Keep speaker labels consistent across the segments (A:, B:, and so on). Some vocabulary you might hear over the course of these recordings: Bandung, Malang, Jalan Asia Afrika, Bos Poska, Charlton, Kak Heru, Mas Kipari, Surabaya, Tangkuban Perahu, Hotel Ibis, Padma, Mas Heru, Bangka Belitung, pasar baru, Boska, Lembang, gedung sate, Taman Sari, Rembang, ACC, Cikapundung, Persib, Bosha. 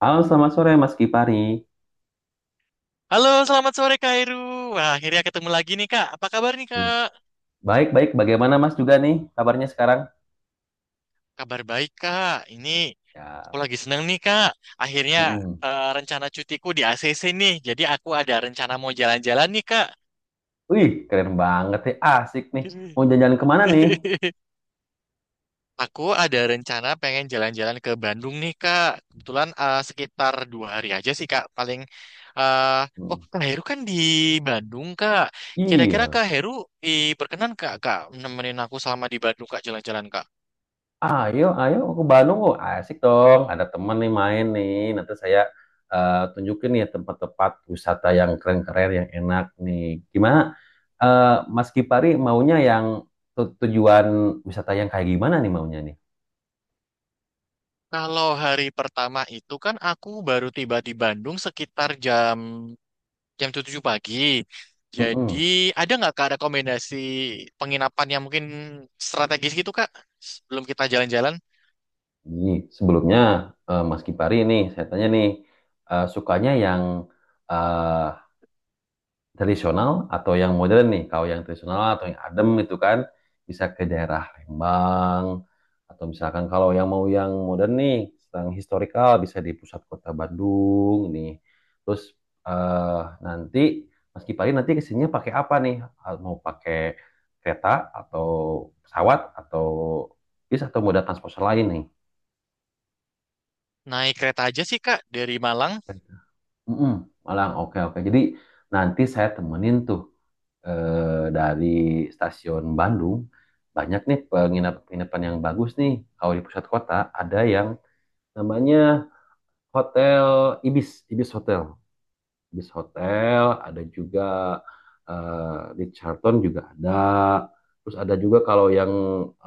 A: Halo, selamat sore Mas Kipari.
B: Halo, selamat sore Kak Heru. Wah, akhirnya ketemu lagi nih Kak. Apa kabar nih Kak?
A: Baik-baik, bagaimana Mas juga nih kabarnya sekarang?
B: Kabar baik Kak. Ini aku
A: Ya,
B: lagi seneng nih Kak. Akhirnya
A: mm.
B: Rencana cutiku di ACC nih. Jadi aku ada rencana mau jalan-jalan nih Kak.
A: Wih, keren banget ya, asik nih. Mau jalan-jalan kemana nih?
B: Aku ada rencana pengen jalan-jalan ke Bandung nih Kak. Kebetulan sekitar dua hari aja sih Kak. Eh, oh
A: Mm.
B: Kak Heru kan di Bandung Kak. Kira-kira
A: Iya,
B: Kak Heru eh, berkenan Kak, nemenin aku selama di Bandung Kak jalan-jalan Kak.
A: ayo, ayo ke Bandung kok, asik dong. Ada temen nih main nih, nanti saya tunjukin nih tempat-tempat wisata yang keren-keren, yang enak nih. Gimana, eh, Mas Kipari maunya yang tujuan wisata yang kayak gimana nih maunya nih?
B: Kalau hari pertama itu kan aku baru tiba di Bandung sekitar jam jam 7 pagi. Jadi
A: Mm-mm.
B: ada nggak Kak rekomendasi penginapan yang mungkin strategis gitu Kak? Sebelum kita jalan-jalan,
A: Ji, sebelumnya Mas Kipari ini saya tanya nih sukanya yang eh, tradisional atau yang modern nih? Kalau yang tradisional atau yang adem itu kan bisa ke daerah Rembang atau misalkan kalau yang mau yang modern nih, yang historikal bisa di pusat kota Bandung nih. Terus eh, nanti Mas Kipari nanti kesininya pakai apa nih? Mau pakai kereta atau pesawat atau bis atau moda transportasi lain nih?
B: naik kereta aja sih Kak dari Malang.
A: Mm-mm, Malang, oke oke. Jadi nanti saya temenin tuh dari stasiun Bandung banyak nih penginapan-penginapan yang bagus nih. Kalau di pusat kota ada yang namanya Hotel Ibis, Ibis Hotel, Ibis Hotel. Ada juga di Charlton juga ada. Terus ada juga kalau yang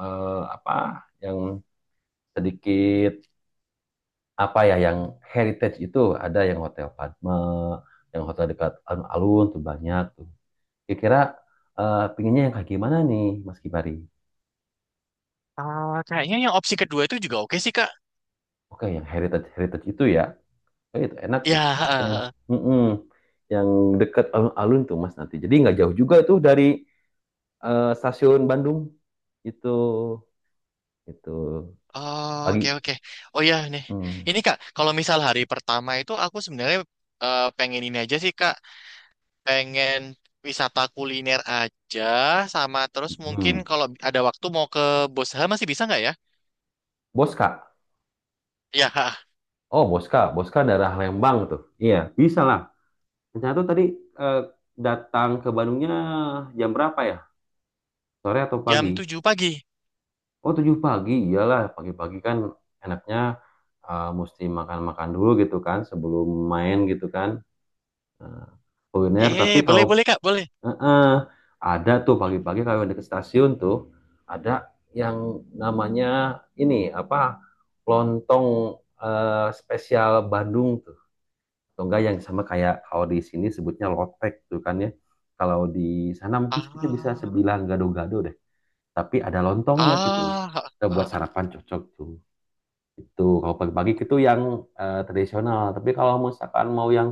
A: apa? Yang sedikit apa ya yang heritage itu ada yang hotel Padma, yang hotel dekat alun-alun tuh banyak tuh. Kira-kira pinginnya yang kayak gimana nih, Mas Kibari?
B: Ah, kayaknya yang opsi kedua itu juga oke sih Kak.
A: Oke, yang heritage heritage itu ya, itu enak tuh. Yang
B: Ya,
A: mm-mm, yang dekat alun-alun tuh Mas nanti. Jadi nggak jauh juga itu dari stasiun Bandung itu itu
B: oh, oke
A: pagi.
B: oke. Oh ya nih,
A: Hmm,
B: ini Kak, kalau misal hari pertama itu aku sebenarnya pengen ini aja sih Kak. Pengen wisata kuliner aja sama terus mungkin
A: hmm.
B: kalau ada waktu mau ke Bosha masih bisa nggak ya?
A: Boska.
B: Ya,
A: Oh, Boska. Boska daerah Lembang tuh. Iya, bisa lah. Rencana tuh tadi eh, datang ke Bandungnya jam berapa ya? Sore atau
B: jam
A: pagi?
B: 7 pagi.
A: Oh, 7 pagi. Iyalah, pagi-pagi kan enaknya mesti makan-makan dulu gitu kan sebelum main gitu kan. Eh, Kuliner, tapi
B: Eh,
A: kalau
B: boleh boleh Kak, boleh.
A: eh, eh, ada tuh pagi-pagi kalau deket stasiun tuh ada yang namanya ini apa? Lontong eh, spesial Bandung tuh. Atau enggak yang sama kayak kalau di sini sebutnya lotek tuh kan ya. Kalau di sana mungkin sebutnya bisa
B: Ah,
A: sebilang gado-gado deh. Tapi ada lontongnya gitu.
B: ah,
A: Kita buat
B: ah. ah.
A: sarapan cocok tuh. Itu kalau pagi-pagi itu yang tradisional. Tapi kalau misalkan mau yang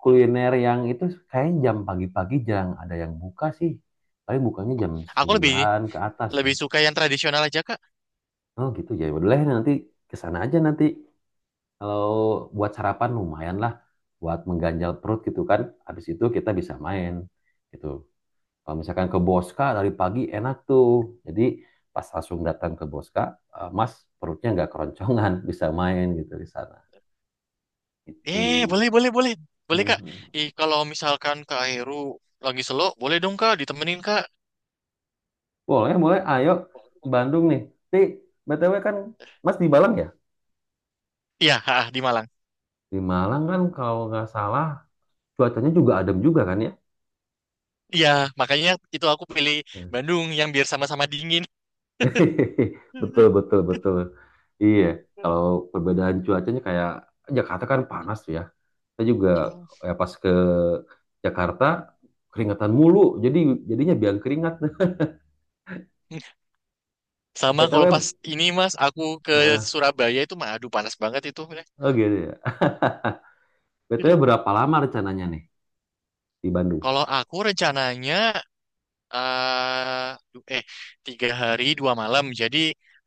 A: kuliner yang itu kayaknya jam pagi-pagi jarang ada yang buka sih. Paling bukanya jam
B: Aku lebih
A: 9 ke atas
B: lebih
A: nih.
B: suka yang tradisional aja Kak.
A: Oh gitu ya. Boleh nanti kesana aja nanti kalau buat sarapan lumayan lah, buat mengganjal perut gitu kan. Habis itu kita bisa main gitu. Kalau misalkan ke Boska dari pagi enak tuh. Jadi pas langsung datang ke Boska, Mas perutnya nggak keroncongan, bisa main gitu di sana. Itu.
B: Eh, boleh boleh boleh. Boleh Kak.
A: Mhm.
B: Ih, kalau misalkan Kak Heru lagi selo, boleh dong Kak ditemenin Kak.
A: Boleh, boleh. Ayo Bandung nih. Tapi BTW kan Mas di Malang ya?
B: Iya, ah, di Malang.
A: Di Malang kan kalau nggak salah cuacanya juga adem juga kan ya?
B: Iya, makanya itu aku pilih Bandung yang biar sama-sama dingin.
A: Betul, betul, betul. Iya, kalau perbedaan cuacanya kayak Jakarta kan panas tuh ya. Saya juga ya pas ke Jakarta keringetan mulu, jadi jadinya biang keringat deh.
B: Sama
A: BTW,
B: kalau pas ini Mas, aku ke
A: eh,
B: Surabaya itu mah aduh panas banget itu. Udah,
A: oh gitu ya. BTW
B: udah.
A: berapa lama rencananya nih di Bandung?
B: Kalau aku rencananya eh du- eh tiga hari dua malam. Jadi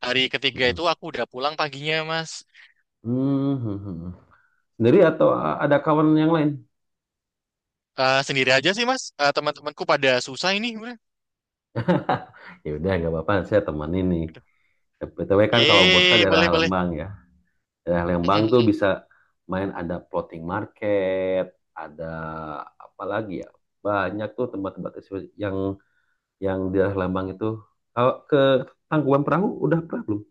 B: hari ketiga
A: Mm-mm.
B: itu aku udah pulang paginya Mas.
A: Hmm, hmm, hmm, hmm. Sendiri atau ada kawan yang lain?
B: Eh sendiri aja sih Mas. Eh, teman-temanku pada susah ini. Udah.
A: Ya udah, nggak apa-apa, saya temenin nih.
B: Udah.
A: BTW kan kalau Bos kan
B: Yeay,
A: daerah
B: boleh boleh.
A: Lembang ya. Daerah
B: Mm,
A: Lembang
B: mm,
A: tuh
B: mm.
A: bisa main ada floating market, ada apa lagi ya? Banyak tuh tempat-tempat yang yang di daerah Lembang itu. Kalau ke Tangkuban Perahu udah pernah belum?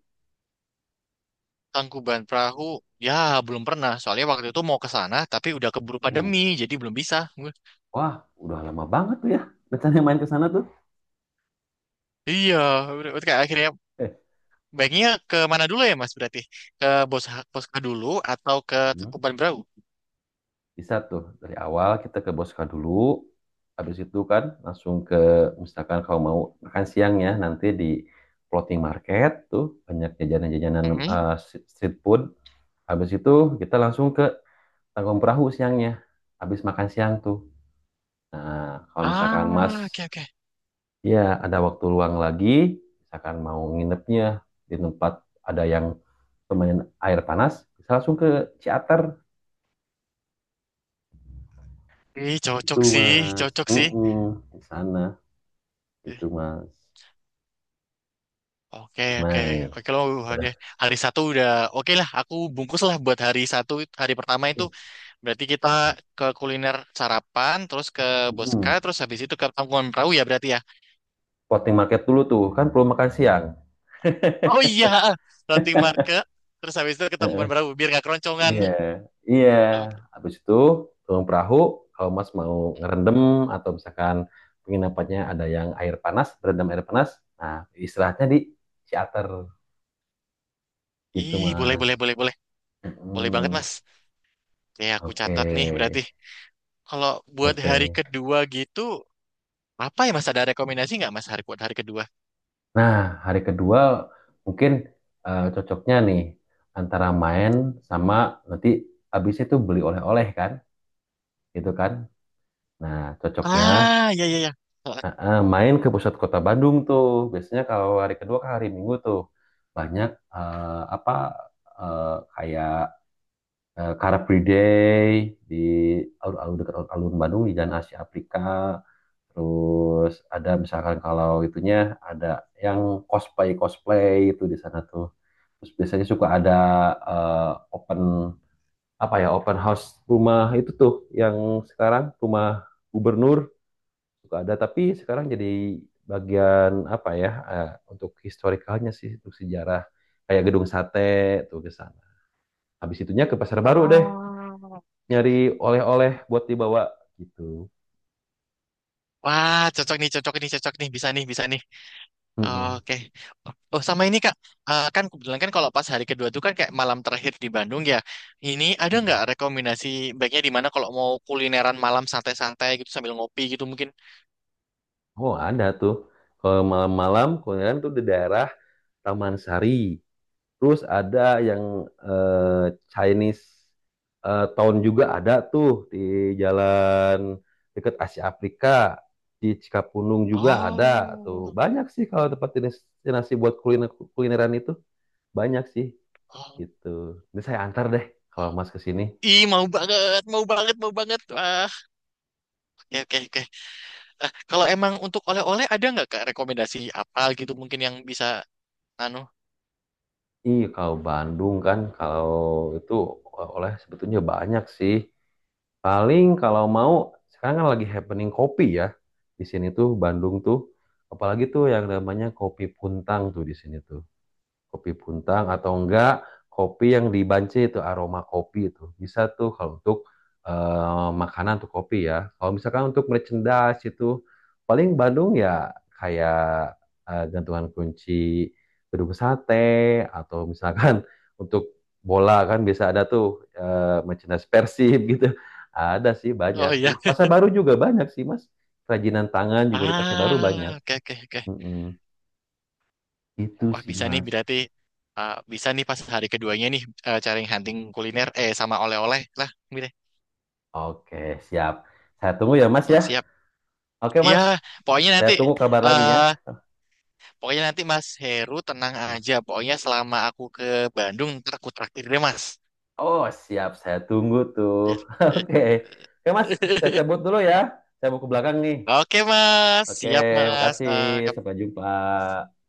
B: Tangkuban Perahu. Ya belum pernah. Soalnya waktu itu mau ke sana tapi udah keburu
A: Hmm.
B: pandemi jadi belum bisa. Udah.
A: Wah, udah lama banget tuh ya rencananya main ke sana tuh.
B: Iya, udah, kayak akhirnya
A: Eh,
B: baiknya ke mana dulu ya Mas berarti? Ke Bos Poska dulu atau ke
A: hmm,
B: Tangkuban Perahu?
A: Bisa tuh dari awal kita ke boska dulu. Habis itu kan langsung ke misalkan kalau mau makan siang ya nanti di floating market tuh banyak jajanan-jajanan
B: Mm-mm.
A: street food. Habis itu kita langsung ke tanggung perahu siangnya habis makan siang tuh nah kalau misalkan mas
B: Ah, oke oke.
A: ya ada waktu luang lagi misalkan mau nginepnya di tempat ada yang lumayan air panas bisa langsung ke Ciater
B: Ih,
A: itu
B: cocok sih,
A: mas
B: cocok sih.
A: di sana
B: Eh,
A: itu mas
B: Oke
A: gimana
B: oke
A: nih
B: oke loh, hari
A: udah.
B: hari satu udah oke lah, aku bungkus lah buat hari pertama. Itu berarti kita ke kuliner sarapan terus ke Boska,
A: Mm-mm.
B: terus habis itu ke Tangkuban Perahu ya berarti ya.
A: Market dulu tuh kan perlu makan siang.
B: Oh iya, floating market terus habis itu ke Tangkuban
A: Heeh.
B: Perahu biar nggak keroncongan.
A: Iya, iya.
B: Oke,
A: Habis itu turun perahu, kalau Mas mau ngerendam atau misalkan penginapannya ada yang air panas, berendam air panas, nah istirahatnya di charter gitu
B: ih boleh
A: Mas.
B: boleh boleh boleh, boleh banget
A: Mm-mm.
B: Mas. Ya, aku
A: Oke,
B: catat nih berarti. Kalau buat hari
A: oke.
B: kedua gitu, apa ya Mas, ada rekomendasi nggak Mas hari buat hari kedua?
A: Nah hari kedua mungkin cocoknya nih antara main sama nanti habis itu beli oleh-oleh kan, gitu kan? Nah cocoknya
B: Ah, ya ya ya.
A: Main ke pusat kota Bandung tuh. Biasanya kalau hari kedua ke hari Minggu tuh banyak eh, apa eh, kayak eh, Car Free Day di alun-alun dekat alun Bandung di Jalan Asia Afrika. Terus ada misalkan kalau itunya ada yang cosplay cosplay itu di sana tuh. Terus biasanya suka ada open apa ya open house rumah itu tuh yang sekarang rumah gubernur suka ada tapi sekarang jadi bagian apa ya untuk historikalnya sih untuk sejarah kayak gedung sate tuh ke sana habis itunya ke pasar baru deh
B: Ah.
A: nyari oleh-oleh buat dibawa gitu.
B: Wah, cocok nih, cocok nih, cocok nih, bisa nih, bisa nih.
A: Mm-mm.
B: Oke. Oh, sama ini Kak, eh, kan kebetulan kan kalau pas hari kedua tuh kan kayak malam terakhir di Bandung ya. Ini ada
A: Mm-mm.
B: nggak rekomendasi baiknya di mana kalau mau kulineran malam santai-santai gitu sambil ngopi gitu mungkin?
A: Oh ada tuh kalau malam-malam kemudian tuh di daerah Taman Sari. Terus ada yang eh, Chinese Town juga ada tuh di jalan dekat Asia Afrika di Cikapundung juga ada tuh
B: Oh,
A: banyak sih kalau tempat destinasi buat kuliner kulineran itu banyak sih
B: oh,
A: gitu. Ini saya antar deh kalau
B: oh.
A: Mas ke sini.
B: Ih, mau banget, mau banget, mau banget. Ya, oke, oke. Eh, kalau emang untuk oleh-oleh ada nggak Kak rekomendasi apa gitu mungkin yang bisa anu?
A: Iya, kalau Bandung kan, kalau itu oleh sebetulnya banyak sih. Paling kalau mau, sekarang kan lagi happening kopi ya. Di sini tuh, Bandung tuh. Apalagi tuh yang namanya kopi Puntang tuh di sini tuh kopi puntang atau enggak kopi yang dibance itu aroma kopi itu bisa tuh kalau untuk makanan tuh kopi ya kalau misalkan untuk merchandise itu paling Bandung ya kayak gantungan kunci gedung sate atau misalkan untuk bola kan bisa ada tuh merchandise Persib gitu ada sih banyak
B: Oh
A: sih
B: iya.
A: pasar baru juga banyak sih mas kerajinan tangan juga di pasar baru banyak.
B: Ah, oke, oke, oke.
A: Mm-mm. Itu
B: Wah,
A: sih
B: bisa nih
A: mas.
B: berarti, ah, bisa nih pas hari keduanya nih, eh, cari hunting kuliner eh sama oleh-oleh lah gitu.
A: Oke, siap. Saya tunggu ya, Mas
B: Nah,
A: ya.
B: siap.
A: Oke,
B: Iya,
A: Mas.
B: pokoknya
A: Saya
B: nanti
A: tunggu kabar lagi ya.
B: eh pokoknya nanti Mas Heru tenang aja. Pokoknya selama aku ke Bandung ntar aku traktir deh, Mas.
A: Oh, siap. Saya tunggu tuh.
B: Ya.
A: Oke. Oke, Mas. Saya cabut dulu ya. Saya mau ke belakang nih.
B: Oke, Mas.
A: Oke,
B: Siap, Mas.
A: makasih.
B: Eh
A: Sampai jumpa.